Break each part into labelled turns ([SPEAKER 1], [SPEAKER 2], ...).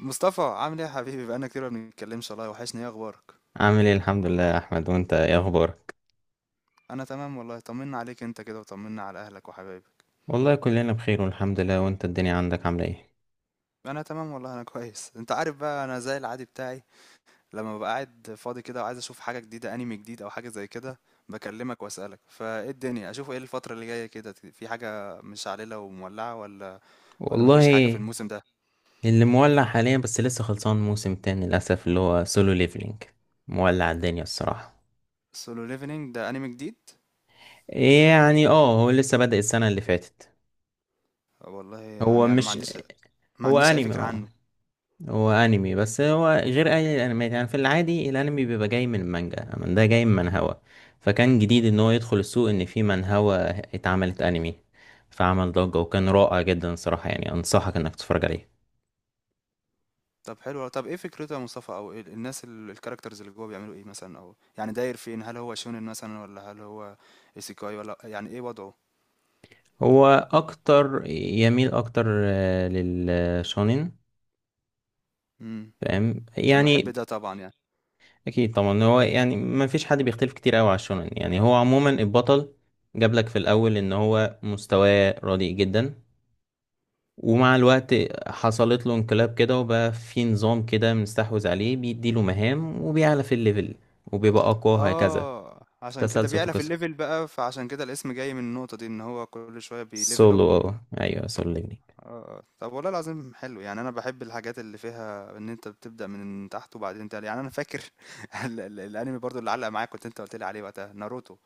[SPEAKER 1] مصطفى، عامل ايه يا حبيبي؟ بقالنا كتير ما بنتكلمش والله وحشني. ايه اخبارك؟
[SPEAKER 2] عامل ايه، الحمد لله يا احمد. وانت ايه اخبارك؟
[SPEAKER 1] انا تمام والله. طمنا عليك انت كده، وطمنا على اهلك وحبايبك.
[SPEAKER 2] والله كلنا بخير والحمد لله. وانت الدنيا عندك عامله ايه؟
[SPEAKER 1] انا تمام والله، انا كويس. انت عارف بقى انا زي العادي بتاعي، لما ببقى قاعد فاضي كده وعايز اشوف حاجه جديده، انمي جديد او حاجه زي كده، بكلمك واسالك فايه الدنيا، اشوف ايه الفتره اللي جايه كده، في حاجه مش عليله ومولعه ولا مفيش حاجه في
[SPEAKER 2] والله
[SPEAKER 1] الموسم ده؟
[SPEAKER 2] اللي مولع حاليا، بس لسه خلصان موسم تاني للاسف، اللي هو سولو ليفلينج. مولع الدنيا الصراحه.
[SPEAKER 1] سولو ليفلينج ده انمي جديد؟
[SPEAKER 2] إيه يعني؟ اه، هو لسه بدأ السنه اللي فاتت.
[SPEAKER 1] والله
[SPEAKER 2] هو
[SPEAKER 1] يعني انا ما
[SPEAKER 2] مش
[SPEAKER 1] عنديش، ما
[SPEAKER 2] هو
[SPEAKER 1] عنديش اي
[SPEAKER 2] انمي
[SPEAKER 1] فكره
[SPEAKER 2] اه
[SPEAKER 1] عنه.
[SPEAKER 2] هو انمي بس هو غير اي الانميات. يعني في العادي الانمي بيبقى جاي من المانجا، اما ده جاي من منهوا. فكان جديد ان هو يدخل السوق ان في منهوا اتعملت انمي. فعمل ضجة وكان رائع جدا صراحة. يعني انصحك انك تتفرج عليه.
[SPEAKER 1] طب حلو أوي. طب إيه فكرته يا مصطفى؟ أو إيه الناس، الكاركترز اللي جوه بيعملوا إيه مثلا، أو يعني داير فين؟ هل هو شونين مثلا، ولا هل هو إيسيكاي، ولا يعني إيه وضعه؟
[SPEAKER 2] هو اكتر يميل اكتر آه، للشونين.
[SPEAKER 1] امم
[SPEAKER 2] فاهم
[SPEAKER 1] أنا بحب
[SPEAKER 2] يعني؟
[SPEAKER 1] ده طبعا يعني.
[SPEAKER 2] اكيد طبعا. هو يعني ما فيش حد بيختلف كتير قوي على الشونين. يعني هو عموما البطل جاب لك في الاول ان هو مستواه رديء جدا، ومع الوقت حصلت له انقلاب كده، وبقى في نظام كده مستحوذ عليه بيديله مهام وبيعلى في الليفل، وبيبقى أقوى هكذا.
[SPEAKER 1] آه، عشان كده
[SPEAKER 2] تسلسل في
[SPEAKER 1] بيعلى في
[SPEAKER 2] قصة
[SPEAKER 1] الليفل بقى، فعشان كده الاسم جاي من النقطة دي، إن هو كل شوية بيليفل أب
[SPEAKER 2] سولو، اه ايوه، سولو ليفلينج.
[SPEAKER 1] آه. آه. طب والله العظيم حلو. يعني أنا بحب الحاجات اللي فيها إن أنت بتبدأ من تحت وبعدين تعلى. يعني أنا فاكر الأنمي برضو اللي علق معايا كنت أنت قلت لي عليه وقتها، ناروتو.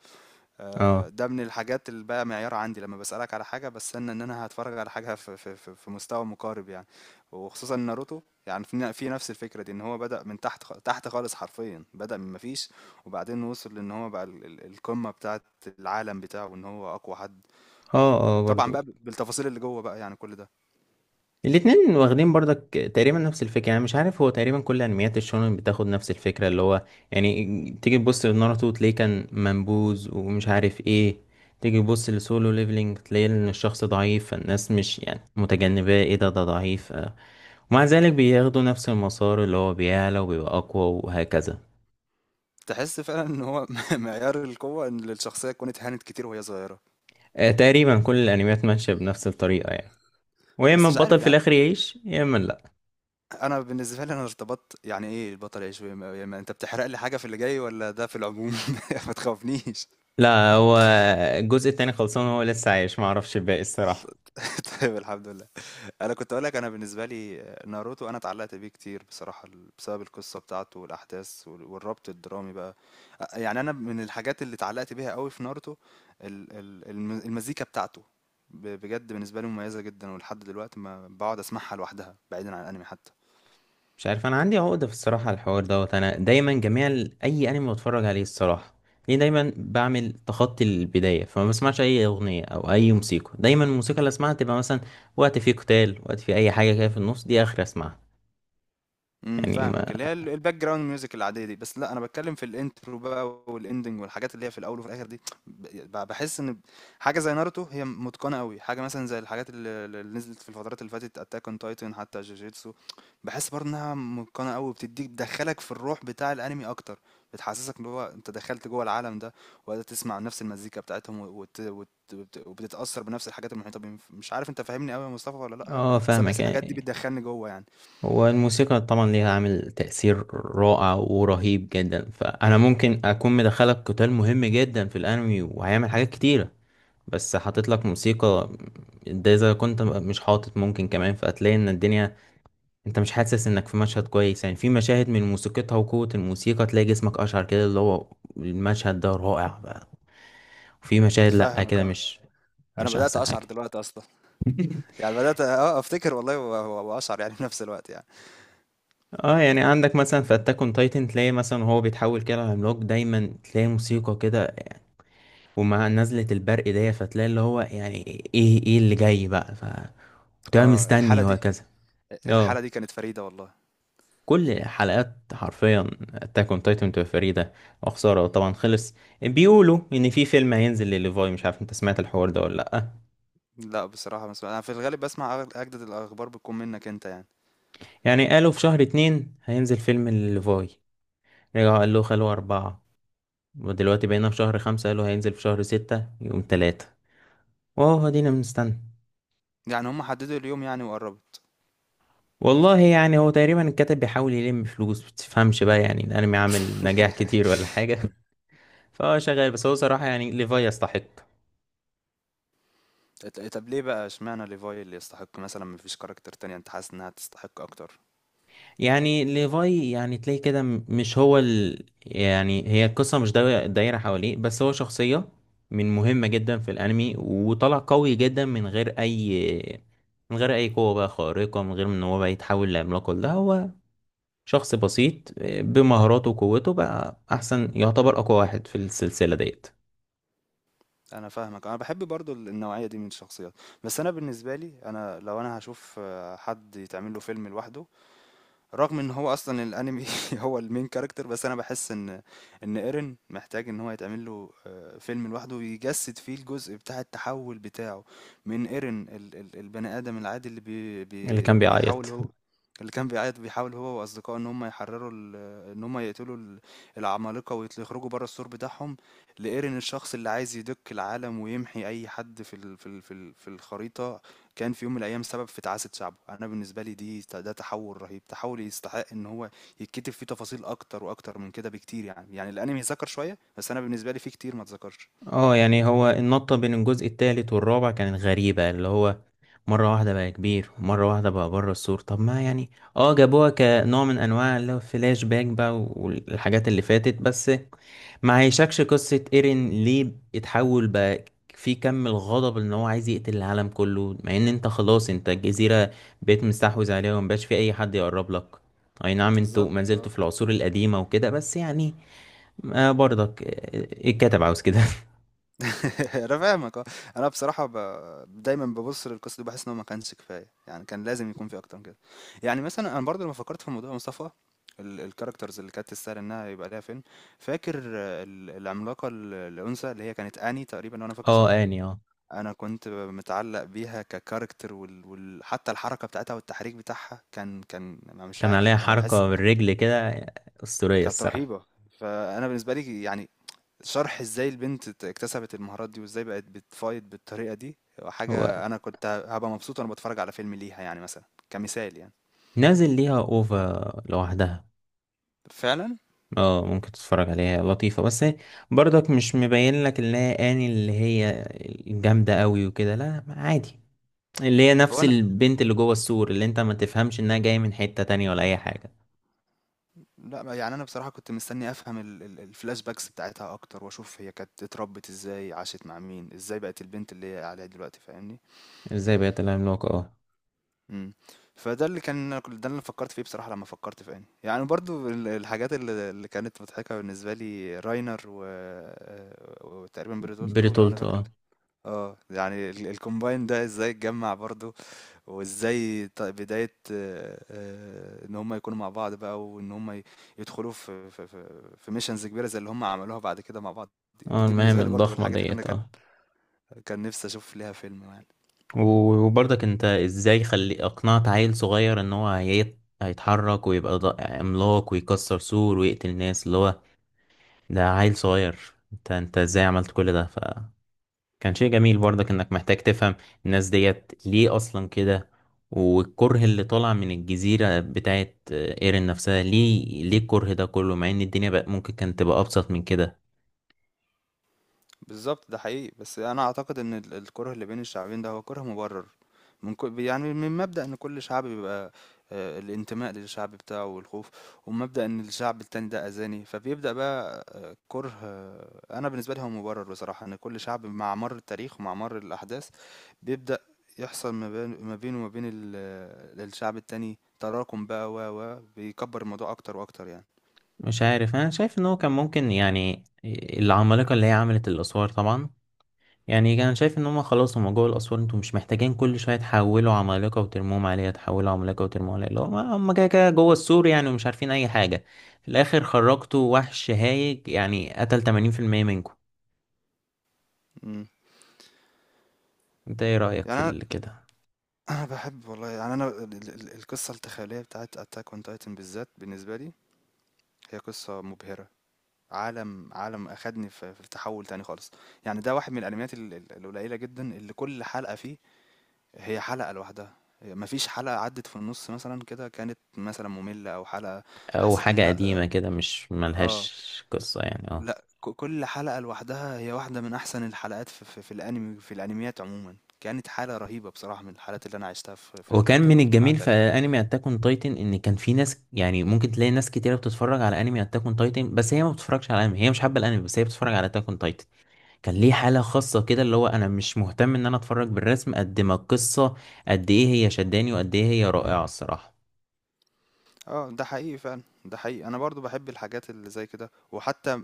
[SPEAKER 1] آه،
[SPEAKER 2] اه.
[SPEAKER 1] ده من الحاجات اللي بقى معيار عندي، لما بسألك على حاجة بستنى ان انا هتفرج على حاجة في مستوى مقارب يعني. وخصوصا ناروتو، يعني في نفس الفكرة دي، ان هو بدأ من تحت، تحت خالص، حرفيا بدأ من مفيش، وبعدين وصل ان هو بقى القمة بتاعت العالم بتاعه، ان هو اقوى حد.
[SPEAKER 2] اه برضو.
[SPEAKER 1] وطبعا بقى بالتفاصيل اللي جوه بقى يعني كل ده.
[SPEAKER 2] الاتنين واخدين برضك تقريبا نفس الفكرة. يعني مش عارف، هو تقريبا كل انميات الشونن بتاخد نفس الفكرة، اللي هو يعني تيجي تبص لناروتو تلاقيه كان منبوذ ومش عارف ايه، تيجي تبص لسولو ليفلينج تلاقي ان الشخص ضعيف فالناس مش يعني متجنباه، ايه ده، ده ضعيف آه. ومع ذلك بياخدوا نفس المسار اللي هو بيعلى وبيبقى أقوى وهكذا.
[SPEAKER 1] تحس فعلا ان هو معيار القوة، ان الشخصية كانت هانت كتير وهي صغيرة.
[SPEAKER 2] آه، تقريبا كل الأنميات ماشية بنفس الطريقة يعني. ويا
[SPEAKER 1] بس
[SPEAKER 2] إما
[SPEAKER 1] مش
[SPEAKER 2] البطل
[SPEAKER 1] عارف
[SPEAKER 2] في
[SPEAKER 1] يعني،
[SPEAKER 2] الآخر يعيش يا إما لأ.
[SPEAKER 1] انا بالنسبه لي انا ارتبطت. يعني ايه البطل يعيش انت بتحرق لي حاجه في اللي جاي، ولا ده في العموم؟ ما تخافنيش.
[SPEAKER 2] لا هو الجزء التاني خلصان، هو لسه عايش، معرفش الباقي الصراحة.
[SPEAKER 1] طيب الحمد لله. انا كنت اقول لك، انا بالنسبه لي ناروتو انا اتعلقت بيه كتير بصراحه، بسبب القصه بتاعته والاحداث والربط الدرامي بقى. يعني انا من الحاجات اللي اتعلقت بيها قوي في ناروتو، المزيكا بتاعته. بجد بالنسبه لي مميزه جدا، ولحد دلوقتي ما بقعد اسمعها لوحدها بعيدا عن الانمي حتى.
[SPEAKER 2] مش عارف، أنا عندي عقدة في الصراحة على الحوار دوت. أنا دايما جميع أي أنمي بتفرج عليه الصراحة، ليه دايما بعمل تخطي البداية، فما بسمعش أي أغنية أو أي موسيقى. دايما الموسيقى اللي أسمعها تبقى مثلا وقت فيه قتال، وقت فيه أي حاجة كده في النص، دي آخر أسمعها.
[SPEAKER 1] إمم،
[SPEAKER 2] يعني
[SPEAKER 1] فاهمك،
[SPEAKER 2] ما
[SPEAKER 1] اللي هي الbackground music العادية دي، بس لأ أنا باتكلم في الintro بقى والending والحاجات اللي هي في الأول وفي الآخر دي. ب ب باحس إن حاجة زي ناروتو هي متقنة أوي، حاجة مثلًا زي الحاجات اللي نزلت في الفترات اللي فاتت Attack on Titan، حتى جوجيتسو، باحس برضه إنها متقنة أوي، وبتدّيك بتدخّلك في الروح بتاع الأنمي أكتر، بتحسسك إن هو أنت دخلت جوّه العالم ده، وقاعد تسمع نفس المزيكا بتاعتهم وبتتأثّر بنفس الحاجات المحيطة بيهم. ف مش عارف أنت فاهمني أوي يا مصطفى والّا لأ؟
[SPEAKER 2] اه
[SPEAKER 1] بس أنا باحس
[SPEAKER 2] فاهمك
[SPEAKER 1] الحاجات دي
[SPEAKER 2] يعني.
[SPEAKER 1] بتدخّلني جوّه يعني.
[SPEAKER 2] هو الموسيقى طبعا ليها عامل تأثير رائع ورهيب جدا. فأنا ممكن أكون مدخلك قتال مهم جدا في الأنمي وهيعمل حاجات كتيرة بس حاطط لك موسيقى، ده إذا كنت مش حاطط ممكن كمان، فهتلاقي إن الدنيا أنت مش حاسس إنك في مشهد كويس. يعني في مشاهد من موسيقتها وقوة الموسيقى تلاقي جسمك أشعر كده، اللي هو المشهد ده رائع بقى. وفي مشاهد لأ،
[SPEAKER 1] فاهمك
[SPEAKER 2] كده
[SPEAKER 1] آه.
[SPEAKER 2] مش
[SPEAKER 1] أنا
[SPEAKER 2] مش
[SPEAKER 1] بدأت
[SPEAKER 2] أحسن
[SPEAKER 1] أشعر
[SPEAKER 2] حاجة.
[SPEAKER 1] دلوقتي أصلًا، يعني بدأت آه أفتكر والله و و وأشعر يعني في نفس الوقت يعني.
[SPEAKER 2] اه، يعني عندك مثلا في اتاك اون تايتن، تلاقي مثلا وهو بيتحول كده لعملاق دايما تلاقي موسيقى كده ومع نزلة البرق دي، فتلاقي اللي هو يعني ايه ايه اللي جاي بقى، ف وتبقى
[SPEAKER 1] آه الحالة
[SPEAKER 2] مستني
[SPEAKER 1] دي،
[SPEAKER 2] وهكذا. اه،
[SPEAKER 1] الحالة دي كانت فريدة والله.
[SPEAKER 2] كل حلقات حرفيا اتاك اون تايتن بتبقى فريدة. وخسارة طبعا خلص. بيقولوا ان في فيلم هينزل لليفاي، مش عارف انت سمعت الحوار ده ولا لأ.
[SPEAKER 1] لأ بصراحة باسمع، أنا في الغالب باسمع أجدد الأخبار بتكون منك أنت يعني.
[SPEAKER 2] يعني قالوا في شهر اتنين هينزل فيلم لليفاي، رجعوا قالوا خلوه اربعة، ودلوقتي بقينا في شهر خمسة قالوا هينزل في شهر ستة يوم تلاتة. واهو دينا بنستنى.
[SPEAKER 1] يعني هُم حددوا اليوم يعني، وقرّبت.
[SPEAKER 2] والله يعني هو تقريبا الكاتب بيحاول يلم فلوس، بتفهمش بقى، يعني الانمي عامل نجاح كتير ولا حاجه. فهو شغال، بس هو صراحه يعني ليفاي يستحق.
[SPEAKER 1] طب ليه بقى اشمعنى levi اللي يستحق مثلًا؟ ما فيش character تانية أنت حاسس إنها تستحق أكتر؟
[SPEAKER 2] يعني ليفاي يعني تلاقي كده مش هو ال... يعني هي القصه مش داي- دايره حواليه بس، هو شخصيه من مهمه جدا في الانمي. وطلع قوي جدا من غير اي، من غير اي قوه بقى خارقه، من غير ان هو بقى يتحول لعملاق. لا، هو شخص بسيط آه، بمهاراته وقوته بقى، احسن، يعتبر اقوى واحد في السلسلة ديت.
[SPEAKER 1] أنا فاهمك، أنا باحب برضه النوعية دي من الشخصيات. بس أنا بالنسبة لي، أنا لو أنا هاشوف حد يتعمل له فيلم لوحده، رغم إن هو أصلًا الأنمي هو الmain character، بس أنا باحس إن، إن Eren محتاج إن هو يتعمل له فيلم لوحده، يجسد فيه الجزء بتاع التحول بتاعه، من Eren ال ال البني آدم العادي اللي بي
[SPEAKER 2] اللي كان
[SPEAKER 1] بي بيحاول
[SPEAKER 2] بيعيط.
[SPEAKER 1] هو، اللي كان بيعيط، بيحاول هو وأصدقائه إن هُم يحرروا ال، إن هُم يقتلوا ال، العمالقة، يخرجوا برّه السور بتاعهم، لEren الشخص اللي عايز يدُك العالم ويمحي أي حد في الخريطة، كان في يوم من الأيام سبب في تعاسة شعبه. أنا بالنسبة لي دي ده تحوّل رهيب، تحوّل يستحق إن هو يتكتب فيه تفاصيل أكتر وأكتر من كده بكتير يعني. يعني الأنمي اتذكر شوية، بس أنا بالنسبة لي في كتير ما اتذكرش.
[SPEAKER 2] اه يعني هو النطة بين الجزء التالت والرابع كانت غريبة، اللي هو مرة واحدة بقى كبير ومرة واحدة بقى بره السور. طب ما يعني، اه جابوها كنوع من انواع اللي هو فلاش باك بقى والحاجات اللي فاتت، بس ما عيشكش قصة ايرين ليه اتحول بقى، في كم الغضب ان هو عايز يقتل العالم كله، مع ان انت خلاص انت الجزيرة بقيت مستحوذ عليها، ومبقاش في اي حد يقرب لك. اي نعم انتوا
[SPEAKER 1] بالضبط
[SPEAKER 2] ما زلتوا
[SPEAKER 1] آه.
[SPEAKER 2] في العصور القديمة وكده، بس يعني. آه برضك آه، الكاتب عاوز كده.
[SPEAKER 1] أنا فاهمك آه. أنا بصراحة دايمًا بابُص للقصة دي، باحس إن هو ما كانش كفاية، يعني كان لازم يكون في أكتر من كده. يعني مثلًا أنا برضه لمّا فكّرت في موضوع مصطفى، الcharacters اللي كانت تستاهل إنها يبقى ليها فيلم، فاكر آه، العملاقة الأنثى اللي هي كانت أني تقريبًا، لو أنا فاكر
[SPEAKER 2] اه
[SPEAKER 1] صح؟
[SPEAKER 2] اني اه،
[SPEAKER 1] أنا كنت متعلّق بيها كcharacter، وال وال حتى الحركة بتاعتها والتحريك بتاعها كان كان أنا مش
[SPEAKER 2] كان عليها
[SPEAKER 1] عارف، أنا باحس
[SPEAKER 2] حركة بالرجل كده أسطورية
[SPEAKER 1] كانت
[SPEAKER 2] الصراحة.
[SPEAKER 1] رهيبة. فأنا بالنسبة لي يعني، شرح إزاي البنت اكتسبت المهارات دي، وإزاي بقت بتfight بالطريقة دي،
[SPEAKER 2] هو
[SPEAKER 1] حاجة أنا كنت هابقى مبسوط وأنا باتفرّج على فيلم ليها يعني مثلًا، كمثال يعني.
[SPEAKER 2] نازل ليها اوفا لوحدها.
[SPEAKER 1] فعلًا.
[SPEAKER 2] اه ممكن تتفرج عليها لطيفة، بس هي برضك مش مبين لك اللي هي اني، اللي هي الجامدة قوي وكده، لا عادي، اللي هي
[SPEAKER 1] هو
[SPEAKER 2] نفس
[SPEAKER 1] أنا،
[SPEAKER 2] البنت اللي جوه السور، اللي انت ما تفهمش انها جاية من حتة تانية ولا اي حاجة.
[SPEAKER 1] إمم. لأ، يعني أنا بصراحة كنت مستني أفهم ال ال الflashbacks بتاعتها أكتر، وأشوف هي كانت اتربّت إزاي، عاشت مع مين، إزاي بقت البنت اللي هي عليها دلوقتي، فاهمني؟
[SPEAKER 2] ازاي بقت العملاقة، اه.
[SPEAKER 1] إمم. فده اللي كان ده اللي انا فكّرت فيه بصراحة لمّا فكّرت في أني. يعني برضه الحاجات اللي كانت مضحكة بالنسبة لي راينر و وتقريبًا بريتولتو لو أنا
[SPEAKER 2] بريتولت
[SPEAKER 1] فاكر.
[SPEAKER 2] اه.
[SPEAKER 1] آه. يعني الcombine ده إزاي اتجمّع برضه، وإزاي بداية إن هم يكونوا مع بعض بقى، وإن هم يدخلوا في missions كبيرة زي اللي هم عملوها بعد كده مع بعض. دي
[SPEAKER 2] اه
[SPEAKER 1] دي
[SPEAKER 2] المهم
[SPEAKER 1] بالنسبة لي برضه من
[SPEAKER 2] الضخمة
[SPEAKER 1] الحاجات اللي أنا
[SPEAKER 2] ديت
[SPEAKER 1] كان
[SPEAKER 2] اه.
[SPEAKER 1] كان نِفْسي أشوف ليها فيلم يعني.
[SPEAKER 2] وبرضك انت ازاي خلي اقنعت عيل صغير ان هو هيتحرك ويبقى عملاق ويكسر سور ويقتل ناس، اللي هو ده عيل صغير، انت انت ازاي عملت كل ده؟ فكان شيء جميل برضك، انك محتاج تفهم الناس ديت ليه اصلا كده، والكره اللي طالع من الجزيرة بتاعت ايرين نفسها، ليه الكره ده كله، مع ان الدنيا بقى ممكن كانت تبقى ابسط من كده.
[SPEAKER 1] بالظبط، ده حقيقي. بس انا اعتقد ان الكره اللي بين الشعبين ده هو كره مبرر، من كل يعني من مبدأ ان كل شعب بيبقى آه، الانتماء للشعب بتاعه والخوف، ومبدأ ان الشعب التاني ده اذاني فبيبدأ بقى آه، كره آه، انا بالنسبة لي هو مبرر بصراحة. ان كل شعب مع مر التاريخ ومع مر الاحداث بيبدأ يحصل ما بينه وما بين الشعب التاني تراكم بقى، و بيكبر الموضوع اكتر واكتر يعني.
[SPEAKER 2] مش عارف، انا شايف ان هو كان ممكن يعني، العمالقة اللي هي عملت الاسوار طبعا، يعني انا شايف ان هم خلاص هم جوه الاسوار، انتوا مش محتاجين كل شويه تحولوا عمالقه وترموهم عليها، تحولوا عمالقه وترموهم عليها، اللي هم هم كده كده جوه السور يعني، ومش عارفين اي حاجه، في الاخر خرجتوا وحش هايج يعني قتل 80% منكم.
[SPEAKER 1] مم.
[SPEAKER 2] انت ايه رايك في
[SPEAKER 1] يعني انا،
[SPEAKER 2] كده؟
[SPEAKER 1] أنا باحب والله، يعني أنا ال ال القصة التخيلية بتاعة Attack on Titan بالذات بالنسبة لي هي قصة مبهرة، عالم عالم أخدني في في تحوّل تاني خالص، يعني ده واحد من الأنميات ال ال القليلة جدًا اللي كل حلقة فيه هي حلقة لوحدها، هي ما فيش حلقة عدّت في النُص مثلًا كده كانت مثلًا مملة أو حلقة
[SPEAKER 2] او
[SPEAKER 1] حسيت إن
[SPEAKER 2] حاجه قديمه
[SPEAKER 1] لأ،
[SPEAKER 2] كده مش
[SPEAKER 1] آه،
[SPEAKER 2] ملهاش قصه يعني، اه.
[SPEAKER 1] لأ، كل حلقة لوحدها هي واحدة من أحسن الحلقات في الأنمي، في الأنميات عمومًا. كانت حالة رهيبة بصراحة من الحالات اللي أنا عِشتها في خلال
[SPEAKER 2] وكان من
[SPEAKER 1] تجربتي مع
[SPEAKER 2] الجميل في
[SPEAKER 1] Attack.
[SPEAKER 2] انمي اتاك اون تايتن ان كان في ناس، يعني ممكن تلاقي ناس كتيره بتتفرج على انمي اتاك اون تايتن، بس هي ما بتتفرجش على انمي، هي مش حابه الانمي، بس هي بتتفرج على اتاك اون تايتن. كان ليه حالة خاصة كده، اللي هو أنا مش مهتم إن أنا أتفرج بالرسم قد ما القصة قد إيه هي شداني، وقد إيه هي رائعة الصراحة.
[SPEAKER 1] اه ده حقيقي فعلا، ده حقيقي. انا برضو بحب الحاجات اللي زي كده. وحتى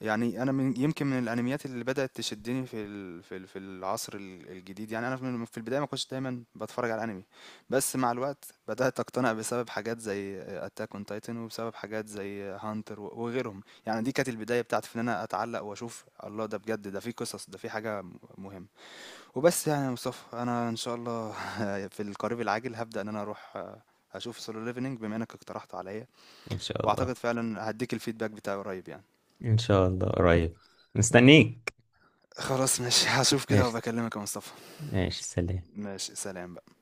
[SPEAKER 1] يعني انا من يمكن من الانميات اللي بدأت تشدني في العصر الجديد، يعني انا في البداية ما كنتش دايما بتفرج على انمي، بس مع الوقت بدأت اقتنع بسبب حاجات زي اتاك اون تايتن، وبسبب حاجات زي هانتر وغيرهم. يعني دي كانت البداية بتاعتي في ان انا اتعلق واشوف الله ده بجد، ده في قصص، ده في حاجة مهمة. وبس يعني يا مصطفى، انا ان شاء الله في القريب العاجل هبدأ ان انا اروح آه، اشوف سولو ليفلنج بما انك اقترحته عليا،
[SPEAKER 2] إن شاء
[SPEAKER 1] واعتقد
[SPEAKER 2] الله.
[SPEAKER 1] فعلا هديك الفيدباك بتاعي قريب يعني.
[SPEAKER 2] إن شاء الله قريب، مستنيك.
[SPEAKER 1] خلاص ماشي، هشوف كده
[SPEAKER 2] إيش
[SPEAKER 1] وبكلمك يا مصطفى.
[SPEAKER 2] إيش سلام.
[SPEAKER 1] ماشي، سلام بقى.